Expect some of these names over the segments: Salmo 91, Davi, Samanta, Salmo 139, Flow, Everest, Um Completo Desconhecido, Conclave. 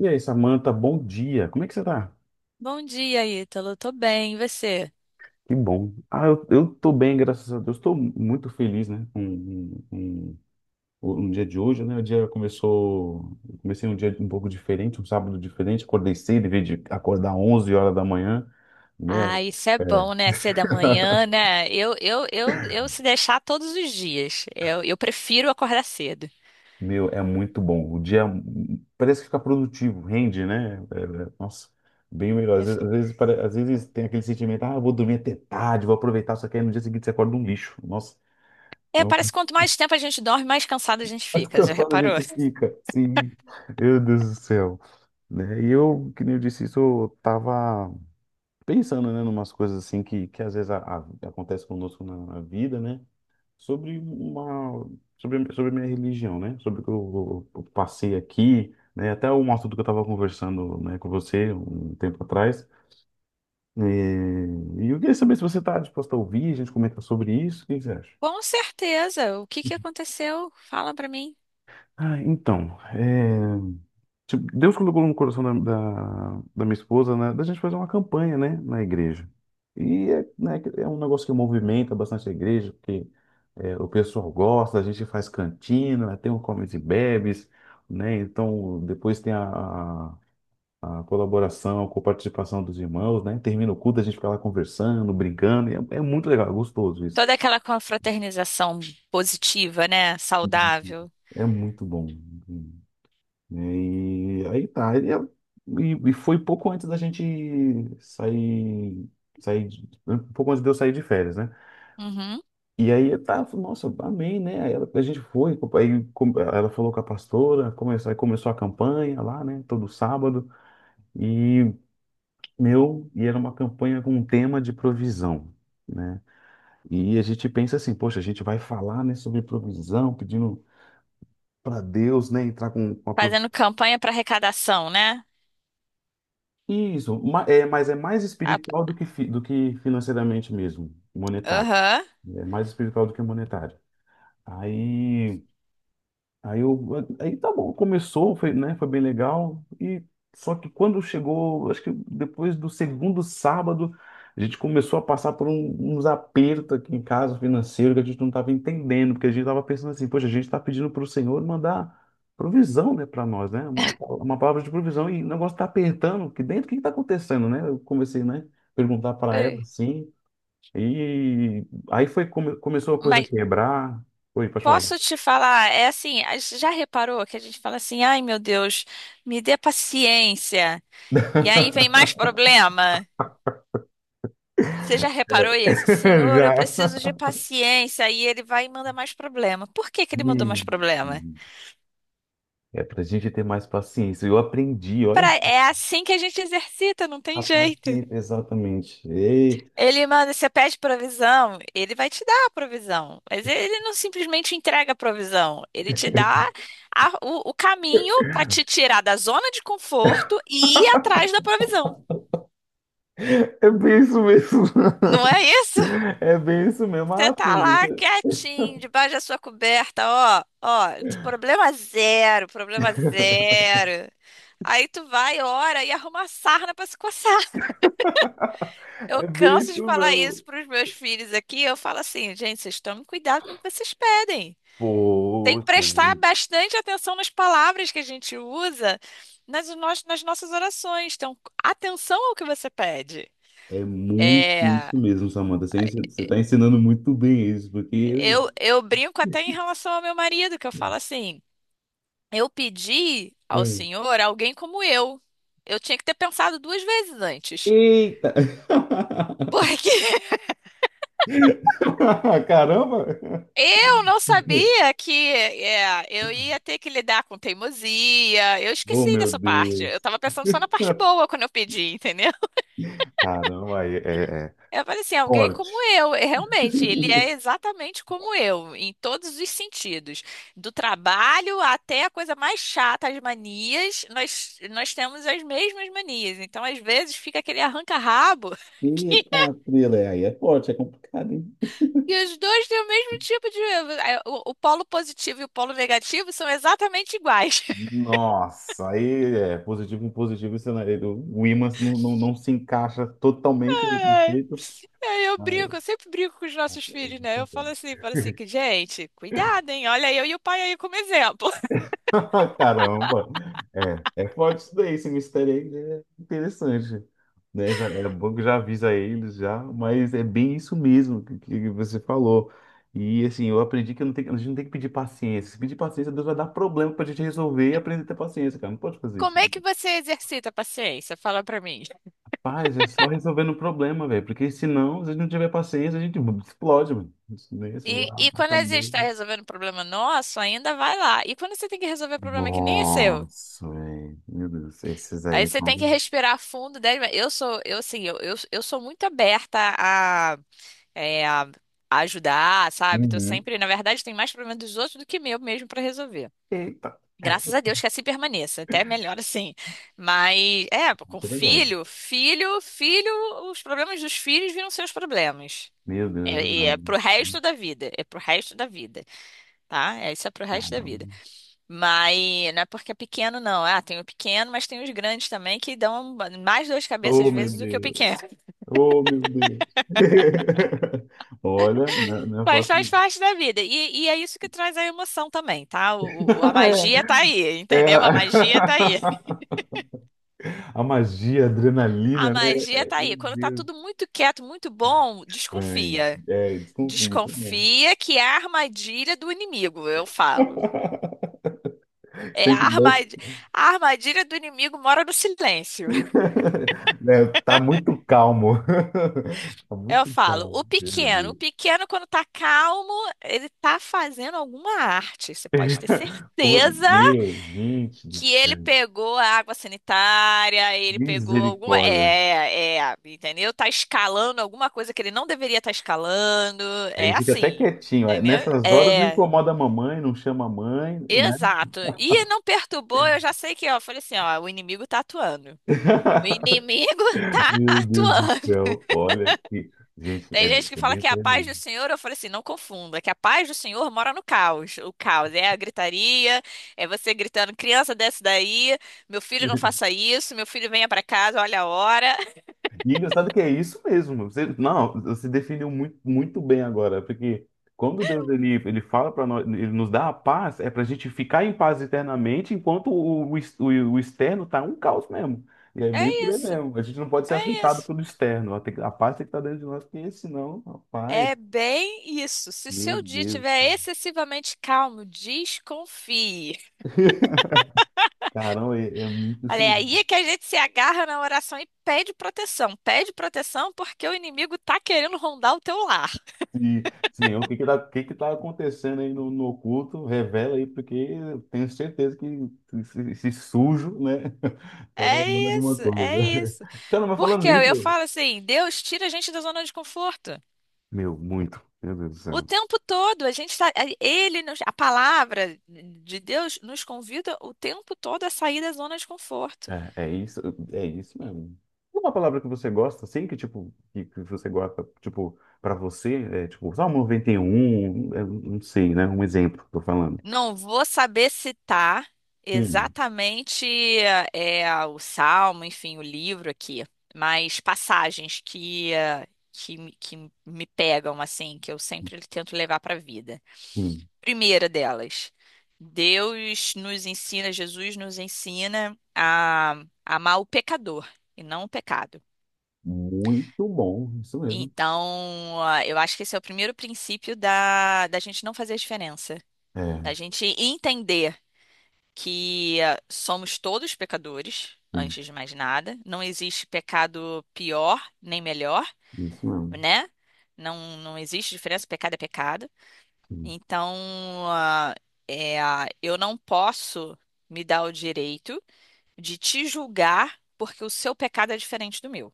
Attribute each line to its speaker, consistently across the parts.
Speaker 1: E aí, Samanta, bom dia. Como é que você tá?
Speaker 2: Bom dia, Ítalo. Tô bem, e você?
Speaker 1: Que bom. Eu tô bem, graças a Deus. Estou muito feliz, né? Um dia de hoje, né? O dia começou. Eu Comecei um dia um pouco diferente, um sábado diferente. Acordei cedo, em vez de acordar 11 horas da manhã, né?
Speaker 2: Ah, isso é
Speaker 1: É.
Speaker 2: bom, né? Ser da manhã, né? Eu se deixar todos os dias. Eu prefiro acordar cedo.
Speaker 1: Meu, é muito bom. O dia parece que fica produtivo, rende, né? Nossa, bem melhor. Às vezes tem aquele sentimento, ah, eu vou dormir até tarde, vou aproveitar, só que aí no dia seguinte você acorda um lixo. Nossa. É
Speaker 2: É,
Speaker 1: um
Speaker 2: parece que quanto mais tempo a gente dorme, mais cansada a gente
Speaker 1: mais
Speaker 2: fica. Já
Speaker 1: cansado a
Speaker 2: reparou?
Speaker 1: gente fica. Sim, meu Deus do céu. Né? E eu, que nem eu disse isso, eu tava pensando, né, numas coisas assim que às vezes acontece conosco na vida, né? Sobre uma, sobre a minha religião, né? Sobre o que eu passei aqui, né? Até um assunto que eu tava conversando, né, com você um tempo atrás. E, e eu queria saber se você tá disposto a ouvir, a gente comenta sobre isso, o que que você acha?
Speaker 2: Com certeza. O que que aconteceu? Fala pra mim.
Speaker 1: Ah, então, tipo, Deus colocou no coração da minha esposa, né, da gente fazer uma campanha, né, na igreja. E é, né, é um negócio que movimenta bastante a igreja, porque é, o pessoal gosta, a gente faz cantina, né, tem o comes e bebes, né, então depois tem a colaboração, com a participação dos irmãos, né, termina o culto, a gente fica lá conversando, brincando, e é, é muito legal, é gostoso isso.
Speaker 2: Toda aquela confraternização positiva, né? Saudável.
Speaker 1: É muito bom. Né? E aí tá. E foi pouco antes da gente sair, um pouco antes de eu sair de férias, né?
Speaker 2: Uhum.
Speaker 1: E aí eu tava, nossa, amei, né? A gente foi, ela falou com a pastora, começou, aí começou a campanha lá, né? Todo sábado. E meu, e era uma campanha com um tema de provisão, né? E a gente pensa assim, poxa, a gente vai falar, né, sobre provisão, pedindo para Deus, né, entrar com a
Speaker 2: Fazendo campanha pra arrecadação, né?
Speaker 1: isso, é, mas é mais
Speaker 2: A-
Speaker 1: espiritual do que, do que financeiramente mesmo, monetário.
Speaker 2: Aham.
Speaker 1: É mais espiritual do que monetário. Aí. Aí eu, Aí tá bom, começou, foi, né, foi bem legal. E só que quando chegou, acho que depois do segundo sábado, a gente começou a passar por uns apertos aqui em casa financeiro que a gente não estava entendendo, porque a gente estava pensando assim, poxa, a gente está pedindo para o Senhor mandar provisão, né, para nós, né, uma palavra de provisão e o negócio está apertando aqui dentro, o que está acontecendo, né? Eu comecei, né, perguntar para ela assim, e aí foi começou a coisa a
Speaker 2: Mas
Speaker 1: quebrar. Oi, pode falar.
Speaker 2: Posso te falar, é assim, a gente já reparou que a gente fala assim, ai meu Deus, me dê paciência. E aí vem mais problema. Você já reparou isso? Senhor, eu
Speaker 1: Já.
Speaker 2: preciso de paciência. E ele vai e manda mais problema. Por que que ele mandou mais
Speaker 1: Hum.
Speaker 2: problema?
Speaker 1: É para a gente ter mais paciência. Eu aprendi, olha,
Speaker 2: É assim que a gente exercita, não
Speaker 1: a
Speaker 2: tem jeito.
Speaker 1: paciência, exatamente. Ei,
Speaker 2: Ele manda, você pede provisão, ele vai te dar a provisão. Mas ele não simplesmente entrega a provisão. Ele te dá o caminho para te tirar da zona de conforto e ir atrás da provisão.
Speaker 1: é bem isso mesmo.
Speaker 2: Não é isso?
Speaker 1: É bem isso mesmo.
Speaker 2: Você
Speaker 1: Ah,
Speaker 2: tá
Speaker 1: filho,
Speaker 2: lá
Speaker 1: isso-
Speaker 2: quietinho, debaixo da sua coberta, ó, ó, problema zero, problema zero. Aí tu vai, ora e arruma a sarna pra se coçar.
Speaker 1: é
Speaker 2: Eu
Speaker 1: é bem
Speaker 2: canso de
Speaker 1: isso
Speaker 2: falar
Speaker 1: mesmo.
Speaker 2: isso pros meus filhos aqui. Eu falo assim, gente, vocês tomem cuidado com o que vocês pedem. Tem
Speaker 1: Pô,
Speaker 2: que prestar
Speaker 1: tem-
Speaker 2: bastante atenção nas palavras que a gente usa nas nossas orações. Então, atenção ao que você pede.
Speaker 1: é muito
Speaker 2: É,
Speaker 1: isso mesmo, Samanta. Você, você está ensinando muito bem isso, porque.
Speaker 2: eu brinco até em relação ao meu marido, que eu falo assim: eu pedi ao
Speaker 1: Hum.
Speaker 2: Senhor alguém como eu. Eu tinha que ter pensado duas vezes antes.
Speaker 1: Eita!
Speaker 2: Porque
Speaker 1: Caramba!
Speaker 2: eu não sabia eu ia ter que lidar com teimosia. Eu
Speaker 1: Oh,
Speaker 2: esqueci
Speaker 1: meu
Speaker 2: dessa parte. Eu
Speaker 1: Deus!
Speaker 2: tava pensando só na parte boa quando eu pedi, entendeu?
Speaker 1: Caramba, é
Speaker 2: Eu falei assim, alguém como
Speaker 1: forte.
Speaker 2: eu, e realmente, ele é exatamente como eu, em todos os sentidos, do trabalho até a coisa mais chata, as manias, nós temos as mesmas manias, então às vezes fica aquele arranca-rabo que
Speaker 1: Eita, frila, é aí é forte, é complicado, hein?
Speaker 2: e os dois têm o mesmo tipo de o polo positivo e o polo negativo são exatamente iguais.
Speaker 1: Nossa, aí é positivo com positivo, isso não- o ímã não se encaixa totalmente no
Speaker 2: Ai,
Speaker 1: perfeito,
Speaker 2: Aí eu
Speaker 1: mas
Speaker 2: brinco, eu sempre brinco com os nossos filhos, né? Eu falo assim, que gente, cuidado, hein? Olha eu e o pai aí como exemplo.
Speaker 1: caramba, é, é forte isso daí, esse mistério aí é interessante, né? Já, é bom que já avisa eles já, mas é bem isso mesmo que você falou. E assim, eu aprendi que eu não tenho- a gente não tem que pedir paciência. Se pedir paciência, Deus vai dar problema pra gente resolver e aprender a ter paciência, cara. Não pode fazer isso.
Speaker 2: Como é que
Speaker 1: Né?
Speaker 2: você exercita a paciência? Fala pra mim.
Speaker 1: Paz, é só resolvendo o problema, velho. Porque senão, se a gente não tiver paciência, a gente explode, mano. Isso, né? Isso,
Speaker 2: E,
Speaker 1: a
Speaker 2: e
Speaker 1: a
Speaker 2: quando a gente está
Speaker 1: cabeça.
Speaker 2: resolvendo um problema nosso, ainda vai lá. E quando você tem que resolver um problema que nem é seu?
Speaker 1: Nossa, velho. Meu Deus, esses aí
Speaker 2: Aí você
Speaker 1: estão.
Speaker 2: tem que respirar fundo. Dez Eu sou, eu assim, eu sou muito aberta a, é, a a ajudar, sabe? Tô
Speaker 1: Uhum.
Speaker 2: sempre, na verdade, tem mais problemas dos outros do que meu mesmo pra resolver.
Speaker 1: Eita,
Speaker 2: Graças a Deus que assim permaneça, até melhor assim. Mas, com
Speaker 1: isso é verdade.
Speaker 2: filho, filho, filho, os problemas dos filhos viram seus problemas.
Speaker 1: Meu Deus, é
Speaker 2: É, e é
Speaker 1: verdade.
Speaker 2: pro resto da vida, é pro resto da vida, tá? É, isso é pro resto da
Speaker 1: Caramba.
Speaker 2: vida. Mas não é porque é pequeno, não. Ah, tem o pequeno, mas tem os grandes também que dão mais dor de cabeça às
Speaker 1: Oh, meu
Speaker 2: vezes do que o
Speaker 1: Deus.
Speaker 2: pequeno.
Speaker 1: Oh, meu Deus. Olha, não é
Speaker 2: Mas
Speaker 1: fácil.
Speaker 2: faz
Speaker 1: Não.
Speaker 2: parte da vida. E é isso que traz a emoção também, tá? A magia tá aí,
Speaker 1: É, é
Speaker 2: entendeu? A
Speaker 1: a...
Speaker 2: magia tá aí.
Speaker 1: A magia, a
Speaker 2: A
Speaker 1: adrenalina, né?
Speaker 2: magia
Speaker 1: É,
Speaker 2: tá
Speaker 1: meu
Speaker 2: aí. Quando tá
Speaker 1: Deus,
Speaker 2: tudo muito quieto, muito bom,
Speaker 1: estranho.
Speaker 2: desconfia.
Speaker 1: É, desconfio.
Speaker 2: Desconfia que é a armadilha do inimigo, eu falo. É,
Speaker 1: Sempre bem.
Speaker 2: a armadilha do inimigo mora no silêncio.
Speaker 1: Né, tá muito calmo. Tá
Speaker 2: Eu
Speaker 1: muito
Speaker 2: falo,
Speaker 1: calmo. Meu
Speaker 2: o
Speaker 1: Deus.
Speaker 2: pequeno quando tá calmo, ele tá fazendo alguma arte. Você pode ter
Speaker 1: Como-
Speaker 2: certeza
Speaker 1: meu, gente do
Speaker 2: que ele
Speaker 1: céu.
Speaker 2: pegou a água sanitária, ele pegou alguma,
Speaker 1: Misericórdia.
Speaker 2: entendeu? Tá escalando alguma coisa que ele não deveria estar escalando.
Speaker 1: Aí
Speaker 2: É
Speaker 1: ele fica até
Speaker 2: assim,
Speaker 1: quietinho. Aí,
Speaker 2: entendeu?
Speaker 1: nessas horas não
Speaker 2: É,
Speaker 1: incomoda a mamãe, não chama a mãe, né?
Speaker 2: exato. E não perturbou, eu já sei que, ó, eu falei assim, ó, o inimigo tá atuando. O inimigo tá
Speaker 1: Meu Deus do
Speaker 2: atuando.
Speaker 1: céu. Olha que. Gente, é,
Speaker 2: Tem gente que
Speaker 1: é
Speaker 2: fala
Speaker 1: bem
Speaker 2: que é a paz do
Speaker 1: tremendo.
Speaker 2: Senhor, eu falei assim, não confunda, que a paz do Senhor mora no caos. O caos é a gritaria, é você gritando, criança desce daí, meu filho não faça isso, meu filho venha pra casa, olha a hora.
Speaker 1: E engraçado que é isso mesmo. Você, não, você definiu muito bem agora, porque quando Deus ele fala para nós, ele nos dá a paz, é para a gente ficar em paz eternamente, enquanto o externo tá um caos mesmo. E é bem por
Speaker 2: É
Speaker 1: aí
Speaker 2: isso,
Speaker 1: mesmo. A gente não pode ser
Speaker 2: é
Speaker 1: afetado
Speaker 2: isso.
Speaker 1: pelo externo. A, tem- que- a paz tem que estar dentro de nós, porque senão, rapaz,
Speaker 2: É bem isso. Se
Speaker 1: meu
Speaker 2: seu dia
Speaker 1: Deus do
Speaker 2: estiver
Speaker 1: céu.
Speaker 2: excessivamente calmo, desconfie.
Speaker 1: Caramba, é, é muito isso
Speaker 2: Olha, é
Speaker 1: mesmo.
Speaker 2: aí que a gente se agarra na oração e pede proteção. Pede proteção porque o inimigo tá querendo rondar o teu lar.
Speaker 1: Sim, sim, o que que tá, o que que tá acontecendo aí no oculto, revela aí, porque eu tenho certeza que esse sujo, né, tá
Speaker 2: É
Speaker 1: tomando alguma
Speaker 2: isso, é
Speaker 1: coisa.
Speaker 2: isso.
Speaker 1: Cara, mas falando
Speaker 2: Porque eu
Speaker 1: nisso,
Speaker 2: falo assim, Deus tira a gente da zona de conforto.
Speaker 1: meu, muito, meu Deus do
Speaker 2: O
Speaker 1: céu.
Speaker 2: tempo todo, a gente tá, a palavra de Deus nos convida o tempo todo a sair da zona de conforto.
Speaker 1: É, é isso mesmo. Uma palavra que você gosta, assim, que tipo, que você gosta, tipo, pra você, é tipo, Salmo 91, é, não sei, né, um exemplo, tô falando.
Speaker 2: Não vou saber citar
Speaker 1: Hum,
Speaker 2: exatamente o Salmo, enfim, o livro aqui, mas passagens que, eh, que me pegam assim, que eu sempre tento levar para a vida.
Speaker 1: hum,
Speaker 2: Primeira delas, Deus nos ensina, Jesus nos ensina a amar o pecador e não o pecado.
Speaker 1: muito bom, isso mesmo.
Speaker 2: Então, ah, eu acho que esse é o primeiro princípio da gente não fazer a diferença,
Speaker 1: É,
Speaker 2: da gente entender que ah, somos todos pecadores, antes de mais nada. Não existe pecado pior nem melhor,
Speaker 1: isso mesmo.
Speaker 2: né? Não, não existe diferença, pecado é pecado.
Speaker 1: Hum.
Speaker 2: Então, ah, eu não posso me dar o direito de te julgar porque o seu pecado é diferente do meu.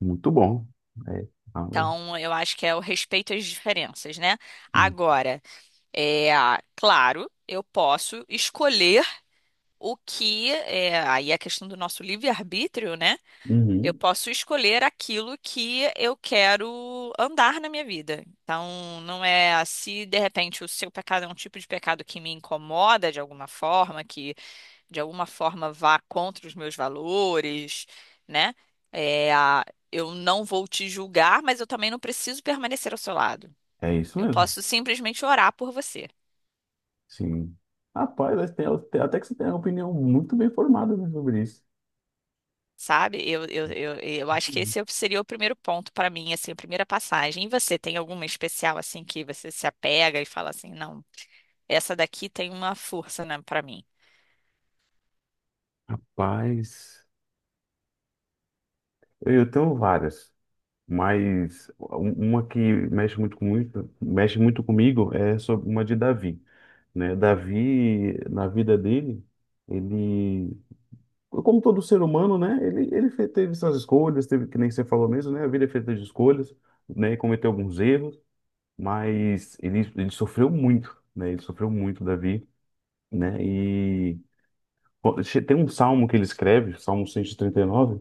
Speaker 1: Muito bom. É, ah, mas-
Speaker 2: Então, eu acho que é o respeito às diferenças, né?
Speaker 1: hum,
Speaker 2: Agora, ah, claro, eu posso escolher o que, aí é a questão do nosso livre-arbítrio, né? Eu
Speaker 1: uhum,
Speaker 2: posso escolher aquilo que eu quero andar na minha vida. Então, não é se de repente o seu pecado é um tipo de pecado que me incomoda de alguma forma, que de alguma forma vá contra os meus valores, né? É, eu não vou te julgar, mas eu também não preciso permanecer ao seu lado.
Speaker 1: é isso
Speaker 2: Eu
Speaker 1: mesmo.
Speaker 2: posso simplesmente orar por você.
Speaker 1: Sim. Rapaz, mas tem- tem- até que você tem uma opinião muito bem formada, né, sobre isso.
Speaker 2: Sabe? Eu acho que
Speaker 1: Hum.
Speaker 2: esse seria o primeiro ponto para mim, assim, a primeira passagem. E você tem alguma especial assim que você se apega e fala assim, não, essa daqui tem uma força, né, para mim.
Speaker 1: Rapaz, eu tenho várias, mas um- uma que mexe muito com muito, mexe muito comigo é sobre uma de Davi, né? Davi, na vida dele, ele, como todo ser humano, né? Teve suas escolhas, teve, que nem você falou mesmo, né? A vida é feita de escolhas, né? E cometeu alguns erros. Mas ele sofreu muito, né? Ele sofreu muito, Davi, né? E pô, tem um salmo que ele escreve, Salmo cento e trinta e nove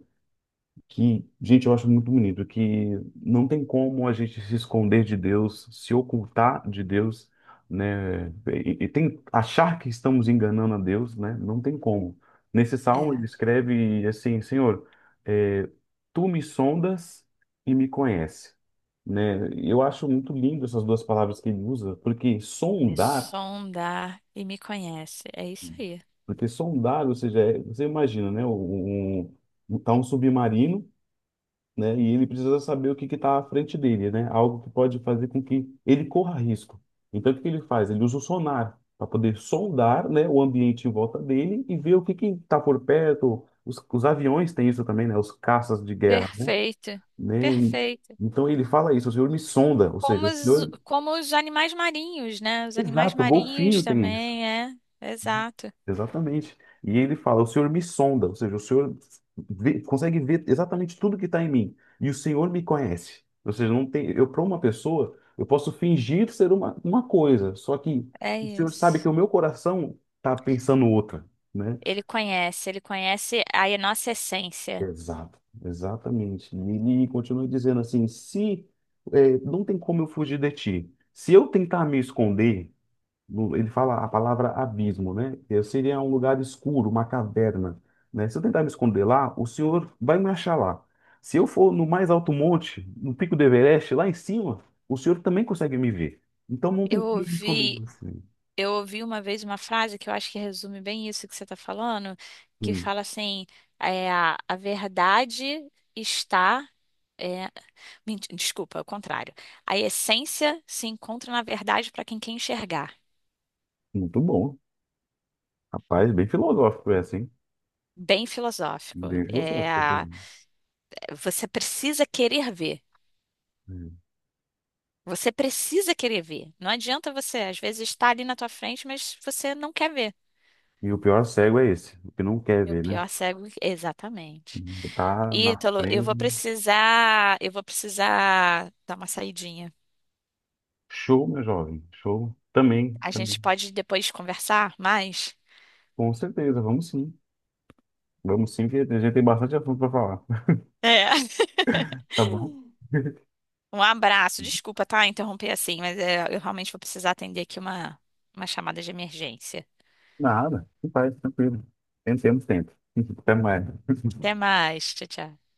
Speaker 1: que, gente, eu acho muito bonito, que não tem como a gente se esconder de Deus, se ocultar de Deus, né? E tem achar que estamos enganando a Deus, né? Não tem como. Nesse salmo ele
Speaker 2: É,
Speaker 1: escreve assim, Senhor, eh, tu me sondas e me conhece, né? Eu acho muito lindo essas duas palavras que ele usa,
Speaker 2: me sonda e me conhece. É isso aí.
Speaker 1: porque sondar, ou seja, é- você imagina, né? Um, tá um submarino né? E ele precisa saber o que está à frente dele, né? Algo que pode fazer com que ele corra risco. Então, o que que ele faz? Ele usa o sonar para poder sondar, né, o ambiente em volta dele e ver o que que está por perto. Os aviões têm isso também, né? Os caças de guerra, né?
Speaker 2: Perfeito.
Speaker 1: Né?
Speaker 2: Perfeito.
Speaker 1: Então, ele fala isso, o senhor me sonda, ou seja,
Speaker 2: Como
Speaker 1: o
Speaker 2: os,
Speaker 1: senhor...
Speaker 2: como os animais marinhos, né? Os animais
Speaker 1: Exato, o
Speaker 2: marinhos
Speaker 1: golfinho tem isso.
Speaker 2: também, é. Exato.
Speaker 1: Exatamente. E ele fala: O Senhor me sonda, ou seja, o Senhor vê- consegue ver exatamente tudo que está em mim, e o Senhor me conhece. Ou seja, não tem, eu para uma pessoa, eu posso fingir ser uma coisa, só que
Speaker 2: É
Speaker 1: o Senhor sabe que
Speaker 2: isso.
Speaker 1: o meu coração está pensando outra, né?
Speaker 2: Ele conhece a nossa essência.
Speaker 1: Exato, exatamente. E ele continua dizendo assim: se eh, não tem como eu fugir de ti, se eu tentar me esconder, no- ele fala a palavra abismo, né? Que seria um lugar escuro, uma caverna, né? Se eu tentar me esconder lá, o Senhor vai me achar lá. Se eu for no mais alto monte, no pico do Everest, lá em cima, o Senhor também consegue me ver. Então não tem
Speaker 2: Eu
Speaker 1: como eu me esconder de
Speaker 2: ouvi
Speaker 1: você.
Speaker 2: Eu ouvi uma vez uma frase que eu acho que resume bem isso que você está falando, que
Speaker 1: Hum,
Speaker 2: fala assim, é, a verdade está. É, desculpa, é o contrário. A essência se encontra na verdade para quem quer enxergar.
Speaker 1: muito bom. Rapaz, bem filosófico é assim.
Speaker 2: Bem filosófico.
Speaker 1: Bem
Speaker 2: É,
Speaker 1: filosófico
Speaker 2: a-
Speaker 1: assim.
Speaker 2: você precisa querer ver.
Speaker 1: Hum.
Speaker 2: Você precisa querer ver. Não adianta você, às vezes, estar ali na tua frente, mas você não quer ver.
Speaker 1: E o pior cego é esse, o que não quer
Speaker 2: E o
Speaker 1: ver, né?
Speaker 2: pior cego, exatamente.
Speaker 1: Tá na
Speaker 2: Ítalo,
Speaker 1: frente.
Speaker 2: eu vou precisar dar uma saidinha.
Speaker 1: Show, meu jovem. Show. Também,
Speaker 2: A
Speaker 1: também.
Speaker 2: gente pode depois conversar mais?
Speaker 1: Com certeza, vamos sim. Vamos sim, que a gente tem bastante assunto para falar.
Speaker 2: É.
Speaker 1: Tá bom?
Speaker 2: Um abraço. Desculpa, tá? Interromper assim, mas eu realmente vou precisar atender aqui uma chamada de emergência.
Speaker 1: Nada. Não faz, tranquilo. Temos, temos tempo. Até mais.
Speaker 2: Até mais. Tchau, tchau.